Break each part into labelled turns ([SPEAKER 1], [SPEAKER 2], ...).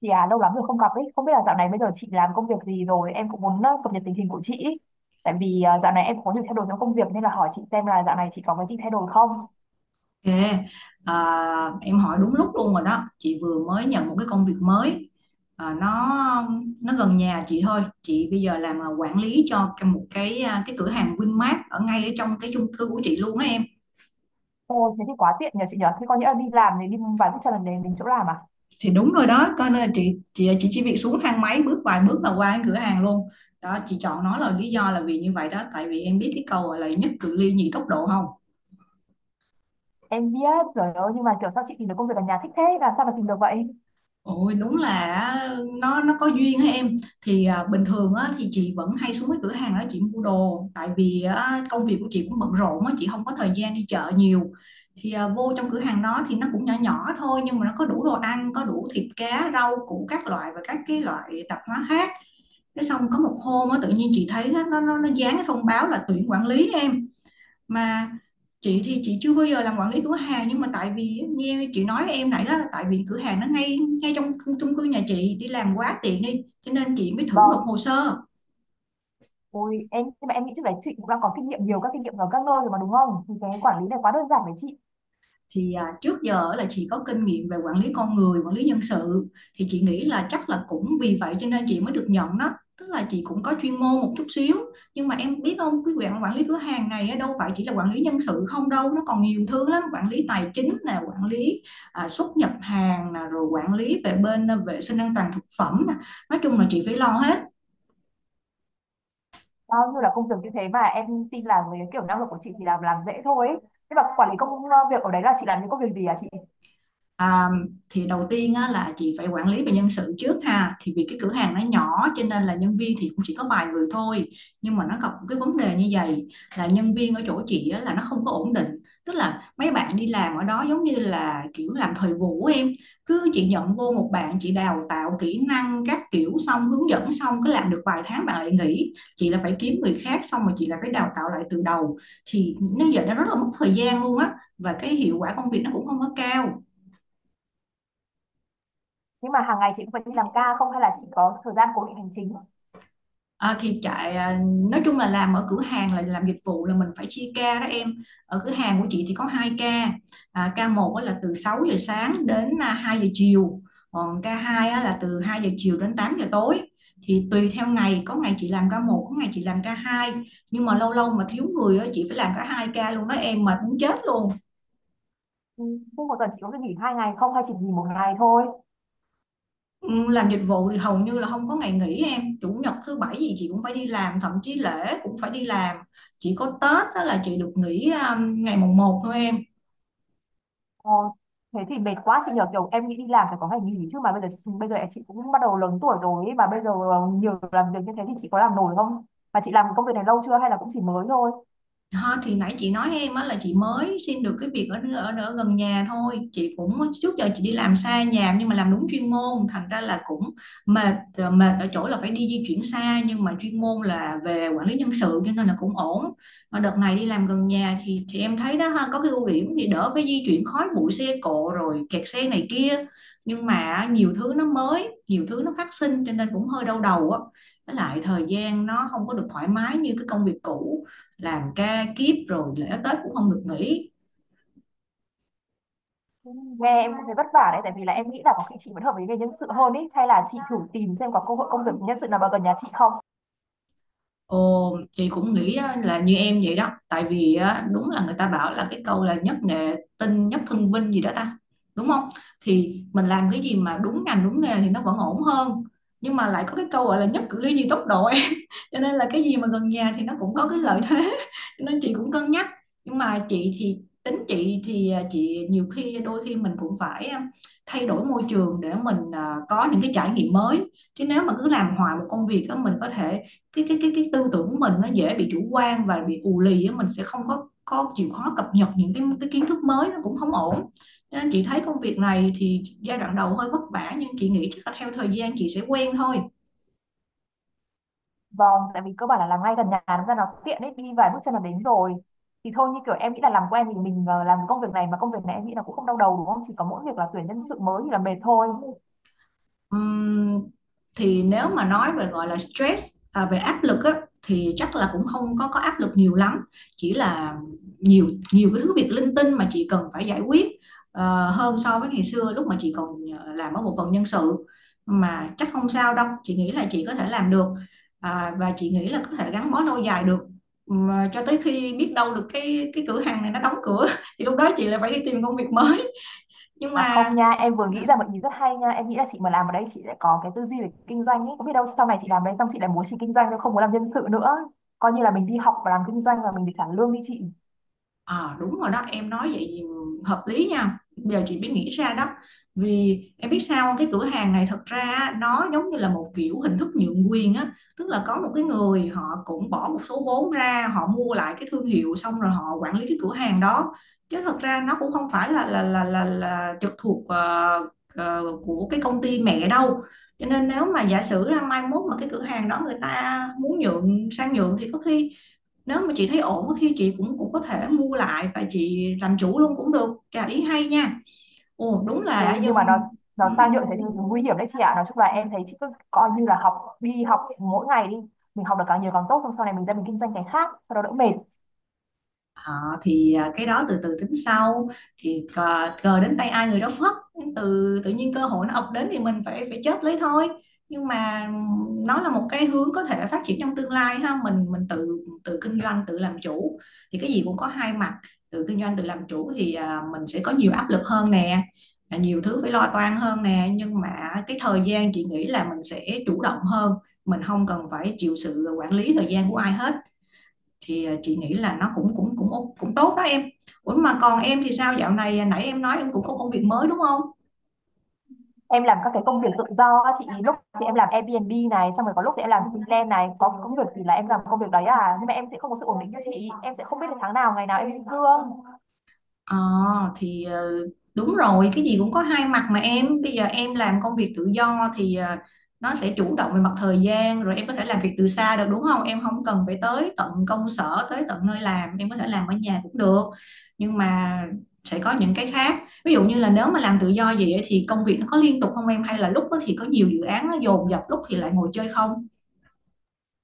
[SPEAKER 1] Chị à, lâu lắm rồi không gặp ấy, không biết là dạo này bây giờ chị làm công việc gì rồi, em cũng muốn cập nhật tình hình của chị ý. Tại vì dạo này em cũng có nhiều thay đổi trong công việc nên là hỏi chị xem là dạo này chị có cái gì thay đổi không.
[SPEAKER 2] Ok, à, em hỏi đúng lúc luôn rồi đó. Chị vừa mới nhận một cái công việc mới. À, nó nó gần nhà chị thôi. Chị bây giờ làm là quản lý cho một cái cửa hàng Vinmart ở ngay ở trong cái chung cư của chị luôn á em.
[SPEAKER 1] Ôi, thế thì quá tiện nhờ chị nhờ, thế có nghĩa là đi làm thì đi vài phút cho lần đến đến chỗ làm à?
[SPEAKER 2] Thì đúng rồi đó, coi nên là chị chỉ việc xuống thang máy bước vài bước là qua cái cửa hàng luôn. Đó, chị chọn nó là lý do là vì như vậy đó, tại vì em biết cái câu gọi là nhất cự ly nhì tốc độ không?
[SPEAKER 1] Em biết, trời ơi, nhưng mà kiểu sao chị tìm được công việc ở nhà thích thế, làm sao mà tìm được vậy?
[SPEAKER 2] Ôi đúng là á, nó có duyên á em. Thì bình thường á, thì chị vẫn hay xuống cái cửa hàng đó chị mua đồ, tại vì á, công việc của chị cũng bận rộn á, chị không có thời gian đi chợ nhiều. Thì vô trong cửa hàng đó thì nó cũng nhỏ nhỏ thôi, nhưng mà nó có đủ đồ ăn, có đủ thịt cá rau củ các loại và các cái loại tạp hóa khác. Thế xong có một hôm á, tự nhiên chị thấy nó dán cái thông báo là tuyển quản lý em. Mà chị thì chị chưa bao giờ làm quản lý cửa hàng, nhưng mà tại vì như chị nói em nãy đó là tại vì cửa hàng nó ngay ngay trong chung cư nhà chị, đi làm quá tiện đi cho nên chị mới thử nộp
[SPEAKER 1] Vâng,
[SPEAKER 2] hồ sơ.
[SPEAKER 1] ôi, em, nhưng mà em nghĩ trước đấy chị cũng đang có kinh nghiệm nhiều các kinh nghiệm ở các nơi rồi mà đúng không? Thì cái quản lý này quá đơn giản với chị.
[SPEAKER 2] Thì trước giờ là chị có kinh nghiệm về quản lý con người, quản lý nhân sự, thì chị nghĩ là chắc là cũng vì vậy cho nên chị mới được nhận đó, tức là chị cũng có chuyên môn một chút xíu. Nhưng mà em biết không, cái việc quản lý cửa hàng này á, đâu phải chỉ là quản lý nhân sự không đâu, nó còn nhiều thứ lắm: quản lý tài chính nè, quản lý xuất nhập hàng nè, rồi quản lý về bên vệ sinh an toàn thực phẩm nè. Nói chung là chị phải lo hết.
[SPEAKER 1] Bao nhiêu là công việc như thế mà em tin là với kiểu năng lực của chị thì làm dễ thôi ấy. Thế mà quản lý việc ở đấy là chị làm những công việc gì à chị?
[SPEAKER 2] À, thì đầu tiên á, là chị phải quản lý về nhân sự trước ha, thì vì cái cửa hàng nó nhỏ cho nên là nhân viên thì cũng chỉ có vài người thôi. Nhưng mà nó gặp một cái vấn đề như vậy là nhân viên ở chỗ chị á, là nó không có ổn định, tức là mấy bạn đi làm ở đó giống như là kiểu làm thời vụ á em. Cứ chị nhận vô một bạn chị đào tạo kỹ năng các kiểu xong hướng dẫn xong, cứ làm được vài tháng bạn lại nghỉ, chị là phải kiếm người khác xong rồi chị là phải đào tạo lại từ đầu, thì nó giờ nó rất là mất thời gian luôn á, và cái hiệu quả công việc nó cũng không có cao.
[SPEAKER 1] Nhưng mà hàng ngày chị cũng phải đi làm ca không, hay là chị có thời gian cố định hành chính?
[SPEAKER 2] À, thì nói chung là làm ở cửa hàng là làm dịch vụ, là mình phải chia ca đó em. Ở cửa hàng của chị thì có 2 ca. Ca một á là từ 6 giờ sáng đến 2 giờ chiều, còn ca hai á là từ 2 giờ chiều đến 8 giờ tối. Thì tùy theo ngày có ngày chị làm ca một, có ngày chị làm ca hai, nhưng mà lâu lâu mà thiếu người á, chị phải làm cả 2 ca luôn đó em, mệt muốn chết luôn.
[SPEAKER 1] Ừ, thế một tuần chị có được nghỉ hai ngày không, hay chỉ nghỉ một ngày thôi?
[SPEAKER 2] Ừ, làm dịch vụ thì hầu như là không có ngày nghỉ em, chủ nhật thứ bảy gì chị cũng phải đi làm, thậm chí lễ cũng phải đi làm. Chỉ có Tết đó là chị được nghỉ ngày mùng một thôi em.
[SPEAKER 1] Ờ, thế thì mệt quá chị nhờ, kiểu em nghĩ đi làm phải có ngày nghỉ chứ, mà bây giờ chị cũng bắt đầu lớn tuổi rồi ấy, mà bây giờ nhiều làm việc như thế thì chị có làm nổi không? Mà chị làm công việc này lâu chưa hay là cũng chỉ mới thôi?
[SPEAKER 2] Ha, thì nãy chị nói em á là chị mới xin được cái việc ở ở ở gần nhà thôi. Chị cũng trước giờ chị đi làm xa nhà nhưng mà làm đúng chuyên môn, thành ra là cũng mệt. Ờ, Mệt ở chỗ là phải đi di chuyển xa, nhưng mà chuyên môn là về quản lý nhân sự cho nên là cũng ổn. Mà đợt này đi làm gần nhà thì em thấy đó ha, có cái ưu điểm thì đỡ phải di chuyển khói bụi xe cộ rồi kẹt xe này kia, nhưng mà nhiều thứ nó mới, nhiều thứ nó phát sinh cho nên cũng hơi đau đầu á. Với lại thời gian nó không có được thoải mái như cái công việc cũ, làm ca kiếp rồi lễ Tết cũng không được nghỉ.
[SPEAKER 1] Nghe em cũng thấy vất vả đấy, tại vì là em nghĩ là có khi chị vẫn hợp với nghề nhân sự hơn ý, hay là chị thử tìm xem có cơ hội công việc nhân sự nào vào gần nhà chị không.
[SPEAKER 2] Ồ, chị cũng nghĩ á, là như em vậy đó, tại vì á, đúng là người ta bảo là cái câu là nhất nghệ tinh nhất thân vinh gì đó ta, đúng không? Thì mình làm cái gì mà đúng ngành đúng nghề thì nó vẫn ổn hơn. Nhưng mà lại có cái câu gọi là nhất cử ly nhì tốc độ em cho nên là cái gì mà gần nhà thì nó cũng có cái lợi thế cho nên chị cũng cân nhắc. Nhưng mà chị thì tính chị thì chị nhiều khi đôi khi mình cũng phải thay đổi môi trường để mình có những cái trải nghiệm mới. Chứ nếu mà cứ làm hoài một công việc á, mình có thể cái tư tưởng của mình nó dễ bị chủ quan và bị ù lì á, mình sẽ không có chịu khó cập nhật những cái kiến thức mới, nó cũng không ổn. Nên chị thấy công việc này thì giai đoạn đầu hơi vất vả, nhưng chị nghĩ chắc là theo thời gian chị sẽ quen thôi.
[SPEAKER 1] Vâng, tại vì cơ bản là làm ngay gần nhà nó ra nó tiện đấy, đi vài bước chân là đến rồi. Thì thôi như kiểu em nghĩ là làm quen thì mình làm công việc này, mà công việc này em nghĩ là cũng không đau đầu đúng không? Chỉ có mỗi việc là tuyển nhân sự mới thì là mệt thôi.
[SPEAKER 2] Ừm, thì nếu mà nói về gọi là stress, về áp lực á, thì chắc là cũng không có áp lực nhiều lắm, chỉ là nhiều nhiều cái thứ việc linh tinh mà chị cần phải giải quyết hơn so với ngày xưa lúc mà chị còn làm ở bộ phận nhân sự. Mà chắc không sao đâu, chị nghĩ là chị có thể làm được, và chị nghĩ là có thể gắn bó lâu dài được. Mà cho tới khi biết đâu được cái cửa hàng này nó đóng cửa thì lúc đó chị lại phải đi tìm công việc mới. Nhưng
[SPEAKER 1] À
[SPEAKER 2] mà
[SPEAKER 1] không nha, em vừa nghĩ
[SPEAKER 2] à,
[SPEAKER 1] ra một ý rất hay nha. Em nghĩ là chị mà làm ở đây chị sẽ có cái tư duy về kinh doanh ấy. Có biết đâu sau này chị làm đây xong chị lại muốn chị kinh doanh chứ không muốn làm nhân sự nữa. Coi như là mình đi học và làm kinh doanh và mình được trả lương đi chị.
[SPEAKER 2] Ờ, đúng rồi đó, em nói vậy thì hợp lý nha, giờ chị mới nghĩ ra đó. Vì em biết sao không? Cái cửa hàng này thật ra á, nó giống như là một kiểu hình thức nhượng quyền á, tức là có một cái người họ cũng bỏ một số vốn ra họ mua lại cái thương hiệu xong rồi họ quản lý cái cửa hàng đó, chứ thật ra nó cũng không phải là trực thuộc của cái công ty mẹ đâu. Cho nên nếu mà giả sử ra mai mốt mà cái cửa hàng đó người ta muốn nhượng sang nhượng thì có khi, nếu mà chị thấy ổn thì chị cũng cũng có thể mua lại và chị làm chủ luôn cũng được. Chà, ý hay nha, ồ đúng
[SPEAKER 1] Ôi,
[SPEAKER 2] là
[SPEAKER 1] nhưng mà
[SPEAKER 2] dân.
[SPEAKER 1] nó sang nhượng thế thì nguy hiểm đấy chị ạ. Nói chung là em thấy chị cứ coi như là học, đi học mỗi ngày đi, mình học được càng nhiều càng tốt, xong sau này mình ra mình kinh doanh cái khác, sau đó đỡ mệt.
[SPEAKER 2] Ờ, thì cái đó từ từ tính sau. Thì cờ đến tay ai người đó phất, từ tự nhiên cơ hội nó ập đến thì mình phải phải chớp lấy thôi. Nhưng mà nó là một cái hướng có thể phát triển trong tương lai ha, mình tự tự kinh doanh tự làm chủ. Thì cái gì cũng có hai mặt, tự kinh doanh tự làm chủ thì mình sẽ có nhiều áp lực hơn nè, nhiều thứ phải lo toan hơn nè, nhưng mà cái thời gian chị nghĩ là mình sẽ chủ động hơn, mình không cần phải chịu sự quản lý thời gian của ai hết. Thì chị nghĩ là nó cũng cũng cũng cũng tốt đó em. Ủa mà còn em thì sao, dạo này nãy em nói em cũng có công việc mới đúng không?
[SPEAKER 1] Em làm các cái công việc tự do á chị, lúc thì em làm Airbnb này, xong rồi có lúc thì em làm freelance này, có công việc thì là em làm công việc đấy à, nhưng mà em sẽ không có sự ổn định như chị, em sẽ không biết là tháng nào, ngày nào em lĩnh lương.
[SPEAKER 2] Ờ, thì đúng rồi, cái gì cũng có hai mặt mà. Em bây giờ em làm công việc tự do thì nó sẽ chủ động về mặt thời gian rồi, em có thể làm việc từ xa được đúng không, em không cần phải tới tận công sở tới tận nơi làm, em có thể làm ở nhà cũng được. Nhưng mà sẽ có những cái khác, ví dụ như là nếu mà làm tự do vậy ấy thì công việc nó có liên tục không em, hay là lúc đó thì có nhiều dự án nó dồn dập, lúc thì lại ngồi chơi không.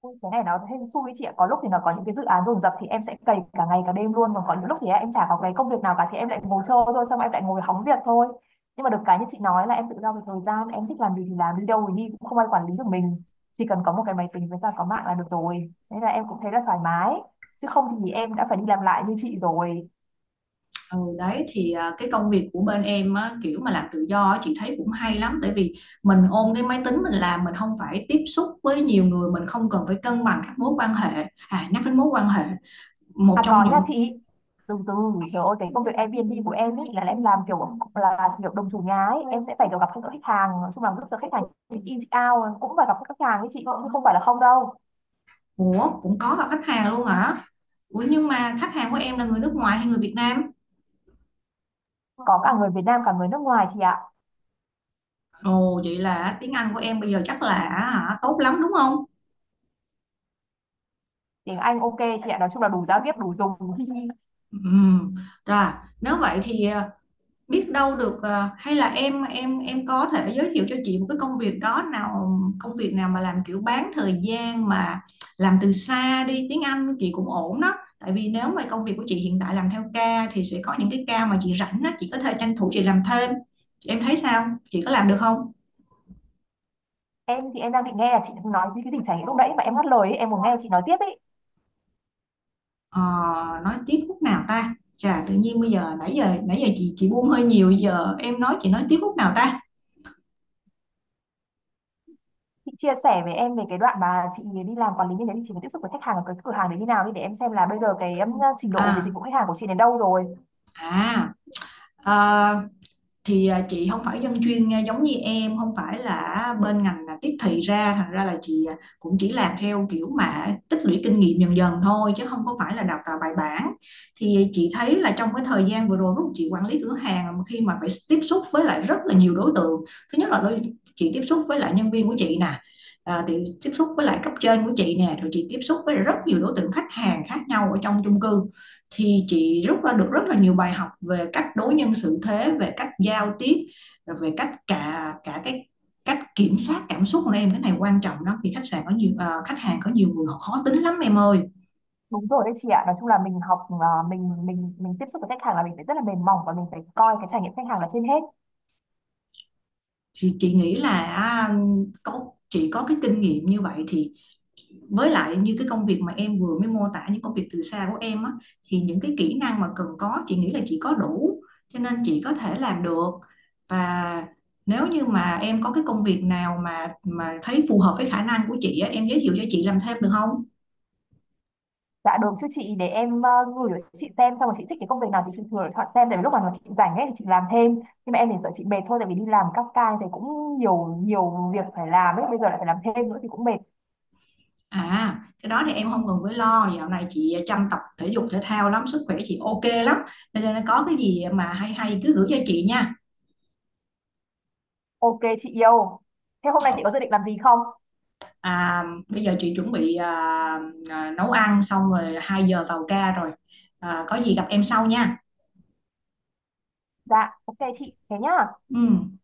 [SPEAKER 1] Ui, cái này nó hên xui đấy chị ạ. Có lúc thì nó có những cái dự án dồn dập thì em sẽ cày cả ngày cả đêm luôn, còn có những lúc thì em chả có cái công việc nào cả thì em lại ngồi chơi thôi, xong rồi em lại ngồi hóng việc thôi. Nhưng mà được cái như chị nói là em tự do về thời gian, em thích làm gì thì làm, đi đâu thì đi, cũng không ai quản lý được mình. Chỉ cần có một cái máy tính với cả có mạng là được rồi, thế là em cũng thấy là thoải mái. Chứ không thì em đã phải đi làm lại như chị rồi.
[SPEAKER 2] Ừ, đấy thì cái công việc của bên em á, kiểu mà làm tự do á, chị thấy cũng hay lắm, tại vì mình ôm cái máy tính mình làm, mình không phải tiếp xúc với nhiều người, mình không cần phải cân bằng các mối quan hệ. À, nhắc đến mối quan hệ một
[SPEAKER 1] À
[SPEAKER 2] trong
[SPEAKER 1] có nha
[SPEAKER 2] những...
[SPEAKER 1] chị. Từ từ, trời ơi, cái công việc Airbnb của em ý là em làm kiểu là kiểu đồng chủ nhà ấy, em sẽ phải kiểu gặp các khách hàng, nói chung là lúc giờ khách hàng check in check out cũng phải gặp các khách hàng ấy chị, cũng không phải là không đâu.
[SPEAKER 2] Ủa, cũng có gặp khách hàng luôn hả? Ủa nhưng mà khách hàng của em là người nước ngoài hay người Việt Nam?
[SPEAKER 1] Có cả người Việt Nam cả người nước ngoài chị ạ.
[SPEAKER 2] Ồ vậy là tiếng Anh của em bây giờ chắc là... hả, tốt lắm đúng không?
[SPEAKER 1] Tiếng Anh ok chị ạ, nói chung là đủ giao tiếp đủ dùng.
[SPEAKER 2] Ừ. Rồi, nếu vậy thì biết đâu được, hay là em có thể giới thiệu cho chị một cái công việc đó nào, công việc nào mà làm kiểu bán thời gian mà làm từ xa đi, tiếng Anh của chị cũng ổn đó. Tại vì nếu mà công việc của chị hiện tại làm theo ca thì sẽ có những cái ca mà chị rảnh đó, chị có thể tranh thủ chị làm thêm. Em thấy sao, chị có làm được không?
[SPEAKER 1] Em thì em đang định nghe là chị nói cái tình trạng lúc nãy mà em ngắt lời ấy, em muốn nghe chị nói tiếp ấy.
[SPEAKER 2] Ờ, nói tiếp khúc nào ta. Chà, tự nhiên bây giờ, nãy giờ chị buông hơi nhiều, giờ em nói chị nói tiếp khúc nào ta.
[SPEAKER 1] Chị chia sẻ với em về cái đoạn mà chị đi làm quản lý như thế thì chị phải tiếp xúc với khách hàng ở cái cửa hàng đấy như nào đi, để em xem là bây giờ cái trình độ về dịch
[SPEAKER 2] À,
[SPEAKER 1] vụ khách hàng của chị đến đâu rồi.
[SPEAKER 2] à, ờ, chị không phải dân chuyên, giống như em không phải là bên ngành là tiếp thị ra, thành ra là chị cũng chỉ làm theo kiểu mà tích lũy kinh nghiệm dần dần thôi chứ không có phải là đào tạo bài bản. Thì chị thấy là trong cái thời gian vừa rồi, lúc chị quản lý cửa hàng mà khi mà phải tiếp xúc với lại rất là nhiều đối tượng. Thứ nhất là chị tiếp xúc với lại nhân viên của chị nè. À, thì tiếp xúc với lại cấp trên của chị nè, rồi chị tiếp xúc với rất nhiều đối tượng khách hàng khác nhau ở trong chung cư. Thì chị rút ra được rất là nhiều bài học về cách đối nhân xử thế, về cách giao tiếp, rồi về cách cả cả cái cách kiểm soát cảm xúc của em. Cái này quan trọng lắm vì khách sạn có nhiều khách hàng, có nhiều người họ khó tính lắm em ơi.
[SPEAKER 1] Đúng rồi đấy chị ạ. Nói chung là mình học, mình tiếp xúc với khách hàng là mình phải rất là mềm mỏng và mình phải coi cái trải nghiệm khách hàng là trên hết.
[SPEAKER 2] Thì chị nghĩ là có chị có cái kinh nghiệm như vậy thì với lại như cái công việc mà em vừa mới mô tả, những công việc từ xa của em á, thì những cái kỹ năng mà cần có chị nghĩ là chị có đủ, cho nên chị có thể làm được. Và nếu như mà em có cái công việc nào mà thấy phù hợp với khả năng của chị á, em giới thiệu cho chị làm thêm được không?
[SPEAKER 1] Dạ được chứ chị, để em gửi cho chị xem, xong rồi chị thích cái công việc nào thì chị thử chọn xem, tại vì lúc mà chị rảnh ấy thì chị làm thêm. Nhưng mà em thì sợ chị mệt thôi, tại vì đi làm các ca thì cũng nhiều nhiều việc phải làm ấy, bây giờ lại phải làm thêm nữa thì cũng mệt.
[SPEAKER 2] À, cái đó thì em không cần phải lo, dạo này chị chăm tập thể dục thể thao lắm, sức khỏe chị ok lắm, cho nên có cái gì mà hay hay cứ gửi cho chị nha.
[SPEAKER 1] Ok chị yêu. Thế hôm nay chị có dự định làm gì không?
[SPEAKER 2] À, bây giờ chị chuẩn bị nấu ăn xong rồi 2 giờ vào ca rồi. À, có gì gặp em sau nha.
[SPEAKER 1] Dạ, ok chị, thế nhá.
[SPEAKER 2] Ừ.